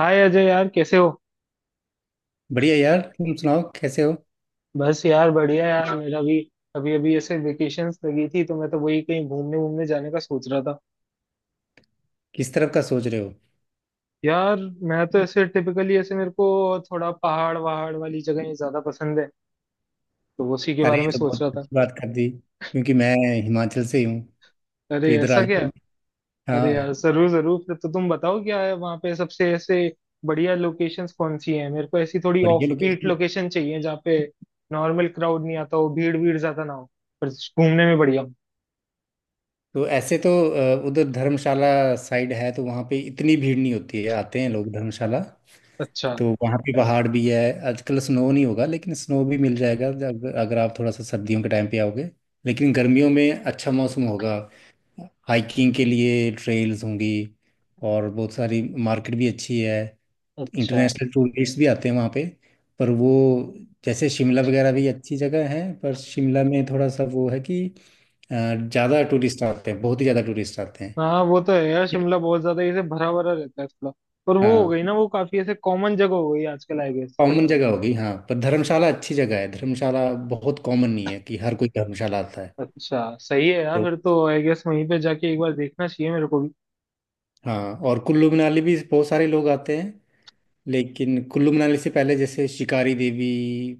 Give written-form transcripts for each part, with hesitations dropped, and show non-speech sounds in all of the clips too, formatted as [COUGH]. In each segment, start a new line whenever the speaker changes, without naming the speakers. हाय अजय यार, कैसे हो?
बढ़िया यार। तुम सुनाओ कैसे हो।
बस यार, बढ़िया यार, मेरा भी। अभी अभी ऐसे वेकेशंस लगी थी तो मैं तो वही कहीं घूमने घूमने जाने का सोच रहा था।
किस तरफ का सोच रहे हो।
यार, मैं तो ऐसे टिपिकली ऐसे मेरे को थोड़ा पहाड़ वहाड़ वाली जगह ज्यादा पसंद है तो उसी के
अरे
बारे में
ये तो
सोच
बहुत
रहा था।
अच्छी बात कर दी क्योंकि मैं हिमाचल से ही हूँ। तो
अरे
इधर आ
ऐसा क्या है?
जाओ।
अरे यार,
हाँ।
जरूर जरूर, फिर तो तुम बताओ क्या है वहाँ पे सबसे ऐसे बढ़िया लोकेशंस कौन सी हैं। मेरे को ऐसी थोड़ी ऑफ
बढ़िया
बीट
लोकेशन।
लोकेशन चाहिए जहाँ पे नॉर्मल क्राउड नहीं आता हो, भीड़ भीड़ ज्यादा ना हो, पर घूमने में बढ़िया हो।
तो ऐसे तो उधर धर्मशाला साइड है तो वहाँ पे इतनी भीड़ नहीं होती है। आते हैं लोग धर्मशाला।
अच्छा
तो वहाँ पे पहाड़ भी है। आजकल स्नो नहीं होगा लेकिन स्नो भी मिल जाएगा जब अगर आप थोड़ा सा सर्दियों के टाइम पे आओगे। लेकिन गर्मियों में अच्छा मौसम होगा। हाइकिंग के लिए ट्रेल्स होंगी और बहुत सारी मार्केट भी अच्छी है।
अच्छा।
इंटरनेशनल टूरिस्ट भी आते हैं वहाँ पे। पर वो जैसे शिमला वगैरह भी अच्छी जगह है पर शिमला में थोड़ा सा वो है कि ज़्यादा टूरिस्ट आते हैं बहुत ही ज़्यादा टूरिस्ट आते हैं।
हाँ वो तो है यार, शिमला बहुत ज्यादा ऐसे भरा भरा रहता है थोड़ा। पर वो हो
हाँ
गई ना, वो काफी ऐसे कॉमन जगह हो गई आजकल, आई गेस।
कॉमन जगह होगी। हाँ पर धर्मशाला अच्छी जगह है। धर्मशाला बहुत कॉमन नहीं है कि हर कोई धर्मशाला आता है।
अच्छा, सही है यार,
तो
फिर तो आई गेस वहीं पे जाके एक बार देखना चाहिए मेरे को भी।
हाँ और कुल्लू मनाली भी बहुत सारे लोग आते हैं। लेकिन कुल्लू मनाली से पहले जैसे शिकारी देवी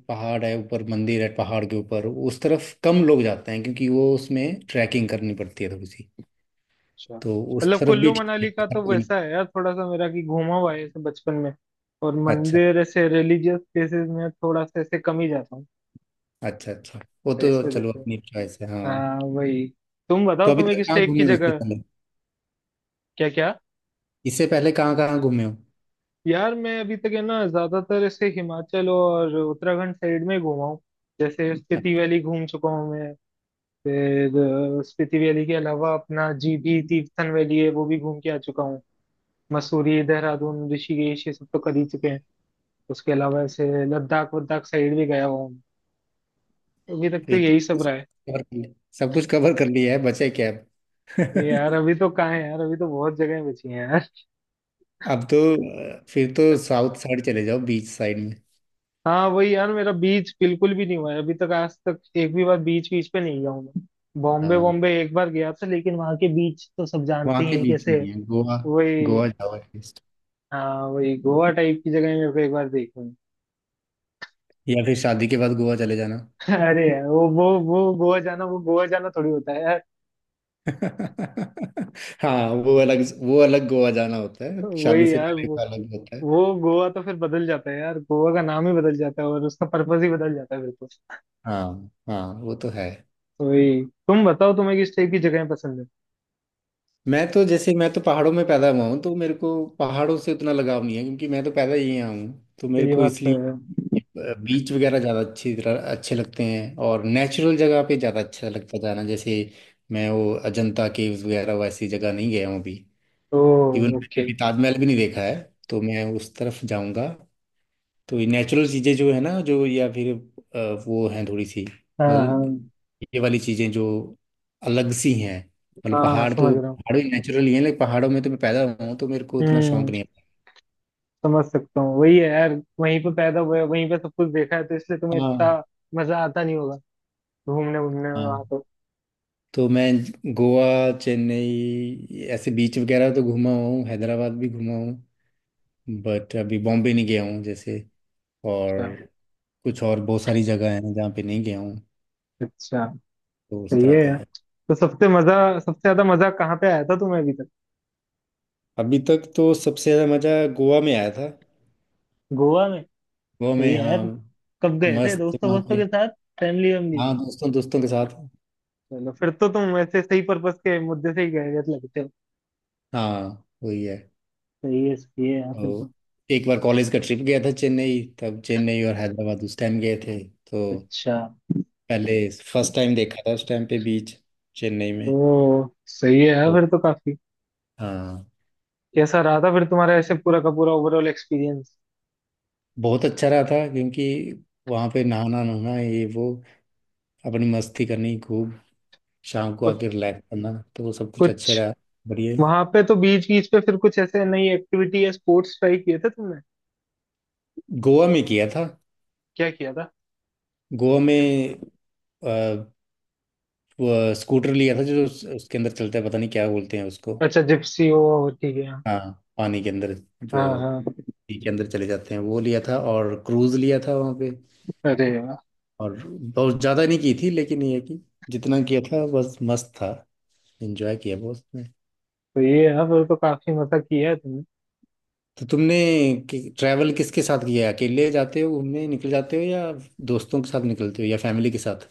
पहाड़ है ऊपर। मंदिर है पहाड़ के ऊपर। उस तरफ कम लोग जाते हैं क्योंकि वो उसमें ट्रैकिंग करनी पड़ती है थोड़ी सी।
अच्छा,
तो उस
मतलब
तरफ भी
कुल्लू
ठीक है।
मनाली का
इधर
तो
कोई नहीं।
वैसा है यार, थोड़ा सा मेरा कि घूमा हुआ है ऐसे बचपन में। और
अच्छा
मंदिर ऐसे रिलीजियस प्लेसेस में थोड़ा सा ऐसे कम ही जाता हूँ
अच्छा। अच्छा वो
तो इस
तो
वजह
चलो
से।
अपनी चॉइस है। हाँ
हाँ वही, तुम
तो
बताओ
अभी
तुम्हें
तक
किस
कहाँ
टाइप की
घूमे हो इससे
जगह।
पहले।
क्या क्या?
इससे पहले कहाँ कहाँ घूमे हो।
यार मैं अभी तक है ना ज्यादातर ऐसे हिमाचल और उत्तराखंड साइड में घूमा हूँ। जैसे
अब
स्पीति वैली घूम चुका हूँ मैं। फिर स्पीति वैली के अलावा अपना जीभी तीर्थन वैली है वो भी घूम के आ चुका हूँ। मसूरी देहरादून ऋषिकेश ये सब तो कर ही चुके हैं। उसके अलावा ऐसे लद्दाख वद्दाख साइड भी गया हुआ हूँ। अभी तक
तो
तो
ये
यही
तो
सब रहा
सब
है।
कुछ कवर कर लिया। सब कुछ कवर कर लिया है। बचे क्या अब।
नहीं यार, अभी तो कहाँ है यार, अभी तो बहुत जगह बची हैं यार।
[LAUGHS] अब तो फिर तो साउथ साइड चले जाओ बीच साइड में।
हाँ वही यार, मेरा बीच बिल्कुल भी नहीं हुआ है अभी तक, आज तक एक भी बार बीच बीच पे नहीं गया हूँ मैं। बॉम्बे
हाँ
बॉम्बे एक बार गया था लेकिन वहां के बीच तो सब
वहाँ
जानते ही
के
हैं
बीच
कैसे।
नहीं है। गोवा।
वही।
गोवा जाओ एटलीस्ट।
हाँ वही, गोवा टाइप की जगह मेरे को एक बार देखनी
या फिर शादी के बाद गोवा चले जाना।
है। [LAUGHS] अरे यार, वो गोवा जाना, वो गोवा जाना थोड़ी होता है यार।
[LAUGHS] हाँ वो अलग। वो अलग गोवा जाना होता है। शादी
वही
से
यार,
पहले
वो
का अलग होता है।
वो गोवा तो फिर बदल जाता है यार, गोवा का नाम ही बदल जाता है और उसका पर्पज ही बदल जाता है फिर तो।
हाँ हाँ वो तो है।
वही, तुम बताओ तुम्हें किस टाइप की जगह पसंद है।
मैं तो जैसे मैं तो पहाड़ों में पैदा हुआ हूँ तो मेरे को पहाड़ों से उतना लगाव नहीं है क्योंकि मैं तो पैदा ही यहाँ हूँ तो
तो
मेरे
ये
को
बात तो
इसलिए
है।
बीच वगैरह ज़्यादा अच्छी तरह अच्छे लगते हैं। और नेचुरल जगह पे ज़्यादा अच्छा लगता जाना। जैसे मैं वो अजंता केव्स वगैरह वैसी जगह नहीं गया हूँ अभी।
ओ
इवन मैंने
ओके।
अभी ताजमहल भी नहीं देखा है। तो मैं उस तरफ जाऊँगा। तो ये नेचुरल चीज़ें जो है ना जो या फिर वो हैं थोड़ी सी।
हाँ हाँ
मतलब ये वाली चीज़ें जो अलग सी हैं। मतलब
हाँ,
पहाड़
समझ
तो
रहा हूँ।
पहाड़ भी नेचुरल ही हैं लेकिन पहाड़ों में तो मैं पैदा हुआ हूँ तो मेरे को उतना शौक
हम्म।
नहीं है।
समझ सकता हूँ वही है यार, वहीं पे पैदा हुए वहीं पे सब कुछ देखा है तो इसलिए तुम्हें
हाँ
इतना मजा आता नहीं होगा घूमने घूमने में
हाँ
वहां तो।
तो मैं गोवा, चेन्नई ऐसे बीच वगैरह तो घूमा हुआ हूँ। हैदराबाद भी घूमा हूँ। बट अभी बॉम्बे नहीं गया हूँ जैसे। और
अच्छा
कुछ और बहुत सारी जगह हैं जहाँ पे नहीं गया हूँ।
अच्छा,
तो उस
सही
तरह
है
का
यार,
है।
तो सबसे मजा सबसे ज्यादा मजा कहाँ पे आया था तुम्हें अभी तक?
अभी तक तो सबसे ज़्यादा मज़ा गोवा में आया था।
गोवा में।
गोवा
सही
में
है
हाँ।
यार, कब गए थे?
मस्त थे
दोस्तों
वहाँ
वोस्तों
पे।
के साथ? फैमिली वैमिली?
हाँ दोस्तों दोस्तों के साथ।
चलो फिर तो तुम वैसे सही पर्पस के मुद्दे से ही गए हुए लगते हो।
हाँ वही है।
सही है यार, फिर तो।
और एक बार कॉलेज का ट्रिप गया था चेन्नई। तब चेन्नई और हैदराबाद उस टाइम गए थे। तो
अच्छा।
पहले फर्स्ट टाइम देखा था उस टाइम पे बीच चेन्नई में।
ओ सही है यार,
तो
फिर तो काफी।
हाँ
कैसा रहा था फिर तुम्हारा ऐसे पूरा का पूरा ओवरऑल एक्सपीरियंस?
बहुत अच्छा रहा था क्योंकि वहाँ पे नहाना नहाना ये वो अपनी मस्ती करनी खूब शाम को
कुछ
आके रिलैक्स करना, तो वो सब कुछ अच्छे
कुछ।
रहा। बढ़िया।
वहां पे तो बीच बीच पे फिर कुछ ऐसे नई एक्टिविटी या स्पोर्ट्स ट्राई किए थे तुमने?
गोवा में किया था।
क्या किया था?
गोवा में वो स्कूटर लिया था जो उसके अंदर चलता है। पता नहीं क्या बोलते हैं उसको।
अच्छा, जिप्सी हो और ठीक है, हाँ।
हाँ पानी के अंदर
हाँ
जो
हाँ।
नदी के अंदर चले जाते हैं वो लिया था। और क्रूज लिया था वहाँ पे।
अरे वाह,
और बहुत ज़्यादा नहीं की थी लेकिन ये है कि जितना किया था बस मस्त था। एंजॉय किया बहुत उसमें।
तो ये है फिर तो काफी मजा किया है।
तो तुमने ट्रैवल किसके साथ किया है? अकेले जाते हो घूमने निकल जाते हो या दोस्तों के साथ निकलते हो या फैमिली के साथ।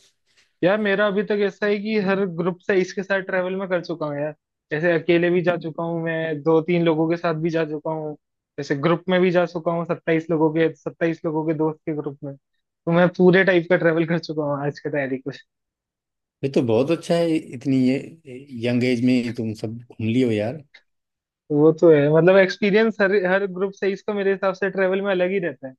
यार, मेरा अभी तक ऐसा है कि हर ग्रुप से इसके साथ ट्रेवल मैं कर चुका हूँ यार। जैसे अकेले भी जा चुका हूँ मैं, दो तीन लोगों के साथ भी जा चुका हूँ, जैसे ग्रुप में भी जा चुका हूँ, सत्ताईस लोगों के दोस्त के ग्रुप में, तो मैं पूरे टाइप का ट्रेवल कर चुका हूँ आज के तारीख में।
ये तो बहुत अच्छा है इतनी ये यंग एज में तुम सब घूम लियो यार।
वो तो है, मतलब एक्सपीरियंस हर हर ग्रुप से इसका मेरे हिसाब से ट्रेवल में अलग ही रहता है,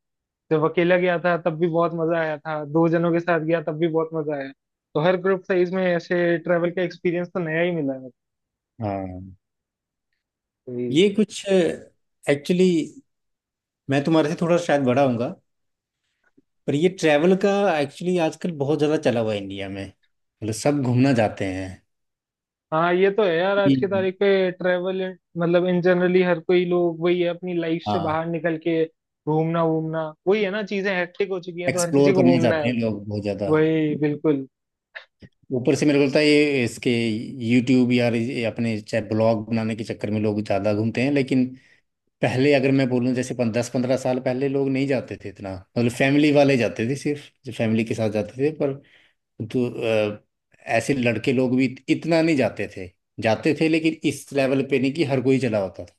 जब अकेला गया था तब भी बहुत मजा आया था, दो जनों के साथ गया तब भी बहुत मजा आया, तो हर ग्रुप से इसमें ऐसे ट्रेवल का एक्सपीरियंस तो नया ही मिला
हाँ
है।
ये कुछ एक्चुअली मैं तुम्हारे से थोड़ा शायद बड़ा होऊंगा। पर ये ट्रैवल का एक्चुअली आजकल बहुत ज़्यादा चला हुआ है इंडिया में। मतलब सब घूमना चाहते हैं।
हाँ ये तो है यार, आज की
हम्म।
तारीख पे ट्रेवल मतलब इन जनरली हर कोई लोग वही है अपनी लाइफ से
हाँ
बाहर निकल के घूमना घूमना वही है ना, चीजें हेक्टिक हो चुकी हैं तो हर किसी
एक्सप्लोर
को
करना
घूमना है
चाहते हैं
अब।
लोग बहुत ज़्यादा।
वही बिल्कुल।
ऊपर से मेरे को लगता है ये इसके यूट्यूब या ये अपने चाहे ब्लॉग बनाने के चक्कर में लोग ज़्यादा घूमते हैं। लेकिन पहले अगर मैं बोलूँ जैसे 10-15 साल पहले लोग नहीं जाते थे इतना। मतलब फैमिली वाले जाते थे सिर्फ। जो फैमिली के साथ जाते थे पर तो अ, ऐसे लड़के लोग भी इतना नहीं जाते थे। जाते थे लेकिन इस लेवल पे नहीं कि हर कोई चला होता था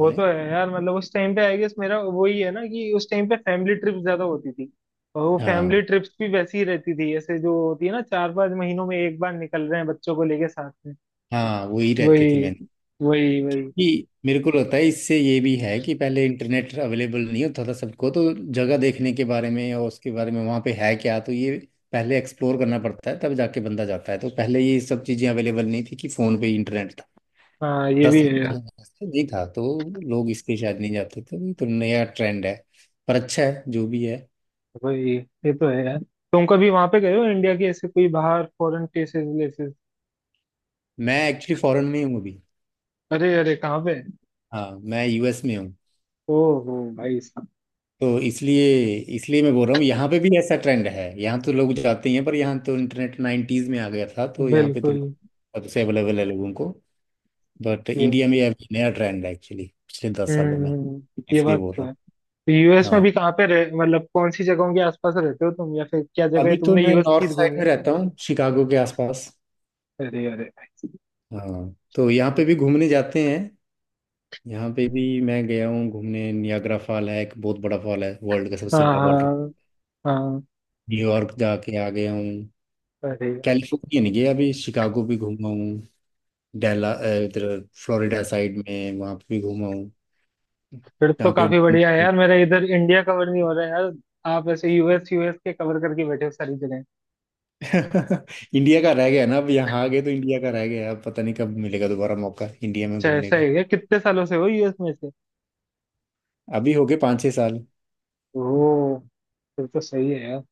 वो तो है यार, मतलब उस टाइम पे आई गेस मेरा वही है ना कि उस टाइम पे फैमिली ट्रिप ज्यादा होती थी, और वो फैमिली
हाँ
ट्रिप्स भी वैसी ही रहती थी ऐसे जो होती है ना 4-5 महीनों में एक बार निकल रहे हैं बच्चों को लेके साथ में।
हाँ वही रहती थी
वही
मैंने।
वही वही।
कि मेरे को लगता है इससे ये भी है कि पहले इंटरनेट अवेलेबल नहीं होता था सबको। तो जगह देखने के बारे में और उसके बारे में वहाँ पे है क्या तो ये पहले एक्सप्लोर करना पड़ता है तब जाके बंदा जाता है। तो पहले ये सब चीज़ें अवेलेबल नहीं थी कि फ़ोन पे ही इंटरनेट था।
हाँ ये
दस
भी है।
साल पहले नहीं था तो लोग इसलिए शायद नहीं जाते थे। तो ये तो नया ट्रेंड है। पर अच्छा है जो भी है।
वही, ये तो है यार। तुम कभी वहां पे गए हो इंडिया के ऐसे कोई बाहर फॉरेन केसेस लेसेस?
मैं एक्चुअली फॉरेन में ही हूँ अभी।
अरे अरे, कहाँ पे?
हाँ मैं यूएस में हूँ।
ओहो भाई साहब।
तो इसलिए इसलिए मैं बोल रहा हूँ यहाँ पे भी ऐसा ट्रेंड है। यहाँ तो लोग जाते ही हैं। पर यहाँ तो इंटरनेट 90s में आ गया था तो यहाँ पे तो
बिल्कुल।
लोग सबसे अवेलेबल है लोगों को। बट
ये।
इंडिया में अभी नया ट्रेंड है एक्चुअली पिछले 10 सालों में।
ये
इसलिए
बात
बोल
तो
रहा
है। तो
हूँ।
यूएस में
हाँ
भी कहाँ पे रह मतलब कौन सी जगहों के आसपास रहते हो तुम, या फिर क्या जगह
अभी तो
तुमने
मैं
यूएस
नॉर्थ
की घूमी
साइड
है?
में रहता हूँ शिकागो के आसपास।
अरे अरे भाई साहब।
हाँ तो यहाँ पे भी घूमने जाते हैं। यहाँ पे भी मैं गया हूँ घूमने। नियाग्रा फॉल है एक बहुत बड़ा फॉल है वर्ल्ड का सबसे
हाँ
बड़ा वाटर।
हाँ हाँ।
न्यूयॉर्क जाके आ गया हूँ।
अरे यार,
कैलिफोर्निया नहीं गया अभी। शिकागो भी घूमा हूँ। डेला इधर फ्लोरिडा साइड में वहाँ पे भी घूमा हूँ।
फिर तो
जहाँ पे
काफी बढ़िया है यार, मेरा इधर इंडिया कवर नहीं हो रहा है यार, आप ऐसे यूएस यूएस के कवर करके बैठे हो सारी जगह।
[LAUGHS] इंडिया का रह गया ना। अब यहाँ आ गए तो इंडिया का रह गया। अब पता नहीं कब मिलेगा दोबारा मौका इंडिया में
अच्छा
घूमने
ऐसा
का।
है क्या? कितने सालों से हो यूएस में से?
अभी हो गए 5-6 साल।
ओ, फिर तो सही है यार।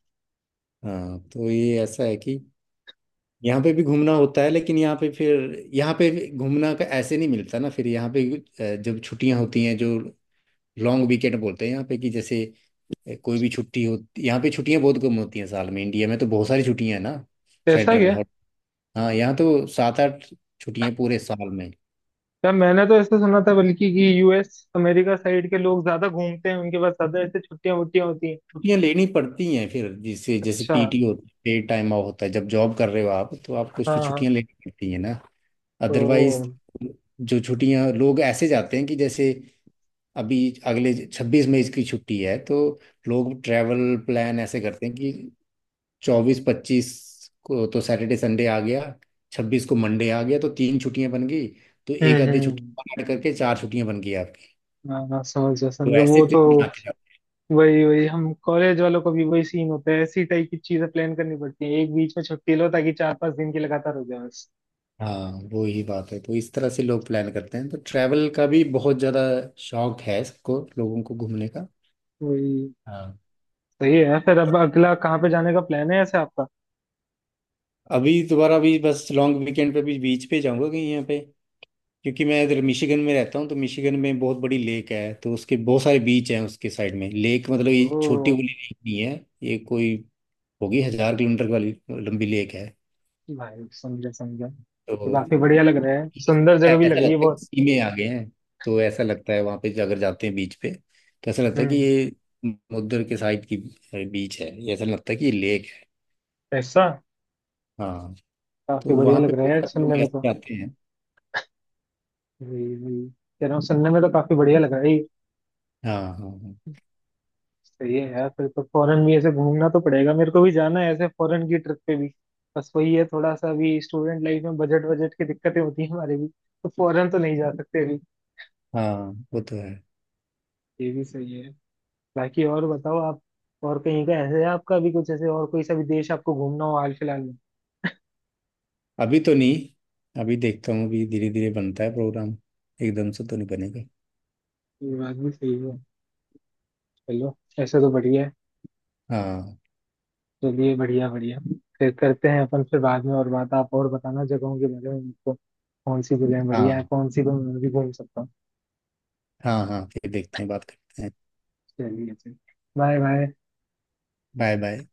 हाँ तो ये ऐसा है कि यहाँ पे भी घूमना होता है लेकिन यहाँ पे फिर यहाँ पे भी घूमना का ऐसे नहीं मिलता ना फिर यहाँ पे जब छुट्टियाँ होती हैं जो लॉन्ग वीकेंड बोलते हैं यहाँ पे कि जैसे कोई भी छुट्टी होती। यहाँ पे छुट्टियां बहुत कम होती हैं साल में। इंडिया में तो बहुत सारी छुट्टियां हैं ना।
कैसा
फेडरल
गया?
हॉल। हाँ यहाँ तो 7-8 छुट्टियां पूरे साल में।
क्या, मैंने तो ऐसे सुना था बल्कि कि यूएस अमेरिका साइड के लोग ज्यादा घूमते हैं, उनके पास ज्यादा ऐसे छुट्टियां वुट्टियां होती हैं।
छुट्टियां लेनी पड़ती हैं फिर जिससे जैसे
अच्छा।
पीटी होती है। पेड टाइम ऑफ होता है जब जॉब कर रहे हो आप तो आपको उसकी
हाँ हाँ।
छुट्टियां लेनी पड़ती हैं ना।
तो।
अदरवाइज जो छुट्टियां लोग ऐसे जाते हैं कि जैसे अभी अगले 26 मई की छुट्टी है तो लोग ट्रैवल प्लान ऐसे करते हैं कि 24-25 को तो सैटरडे संडे आ गया। 26 को मंडे आ गया तो 3 छुट्टियां बन गई। तो एक आधी छुट्टी
हम्म,
और ऐड करके 4 छुट्टियां बन गई आपकी।
हाँ हाँ समझ गया
तो
समझो
ऐसे
वो
ट्रिप
तो।
बना के जाओ।
वही वही, हम कॉलेज वालों को भी वही सीन होता है ऐसी टाइप की चीजें प्लान करनी पड़ती है, एक बीच में छुट्टी लो ताकि 4-5 दिन की लगातार हो जाए बस।
हाँ वो ही बात है। तो इस तरह से लोग प्लान करते हैं तो ट्रैवल का भी बहुत ज़्यादा शौक है सबको लोगों को घूमने का।
वही,
हाँ
सही है, फिर अब अगला कहाँ पे जाने का प्लान है ऐसे आपका?
अभी दोबारा अभी बस लॉन्ग वीकेंड पे भी बीच पे जाऊंगा कहीं यहाँ पे क्योंकि मैं इधर मिशिगन में रहता हूँ तो मिशिगन में बहुत बड़ी लेक है तो उसके बहुत सारे बीच हैं उसके साइड में। लेक मतलब ये
ओ
छोटी वाली लेक नहीं है। ये कोई होगी 1000 किलोमीटर वाली लंबी लेक है।
भाई, समझा समझा,
तो
तो काफी बढ़िया लग रहा है, सुंदर जगह भी लग
ऐसा
रही है
लगता है कि
बहुत।
सी में आ गए हैं। तो ऐसा लगता है वहां पे अगर जाते हैं बीच पे तो ऐसा लगता है कि
हम्म।
ये समुद्र के साइड की बीच है। ये ऐसा लगता है कि ये लेक है।
ऐसा
हाँ
काफी
तो
बढ़िया
वहां पे
लग रहा है
बहुत
यार
सारे
सुनने
लोग
में तो।
ऐसे जाते हैं।
जी जी, कह रहा हूँ सुनने में तो काफी बढ़िया लग रहा है ये।
हाँ हाँ हाँ।
सही है यार, फिर तो फॉरेन भी ऐसे घूमना तो पड़ेगा मेरे को भी, जाना है ऐसे फॉरेन की ट्रिप पे भी, बस वही है थोड़ा सा अभी स्टूडेंट लाइफ में बजट बजट की दिक्कतें होती है हमारे भी, तो फॉरेन तो नहीं जा सकते अभी।
हाँ वो तो है।
ये भी सही है। बाकी और बताओ आप, और कहीं का ऐसे है आपका भी कुछ, ऐसे और कोई सा भी देश आपको घूमना हो हाल फिलहाल में?
अभी तो नहीं। अभी देखता हूँ अभी धीरे धीरे बनता है प्रोग्राम। एकदम से तो नहीं बनेगा।
ये बात भी सही है। चलो, ऐसा तो बढ़िया है।
हाँ
चलिए, बढ़िया बढ़िया, फिर करते हैं अपन, फिर बाद में और बात, आप और बताना जगहों के बारे में मुझको, कौन सी जगह बढ़िया है
हाँ
कौन सी, तो मैं भी घूम सकता हूँ।
हाँ। हाँ फिर देखते हैं बात करते हैं।
चलिए चलिए, बाय बाय।
Bye bye.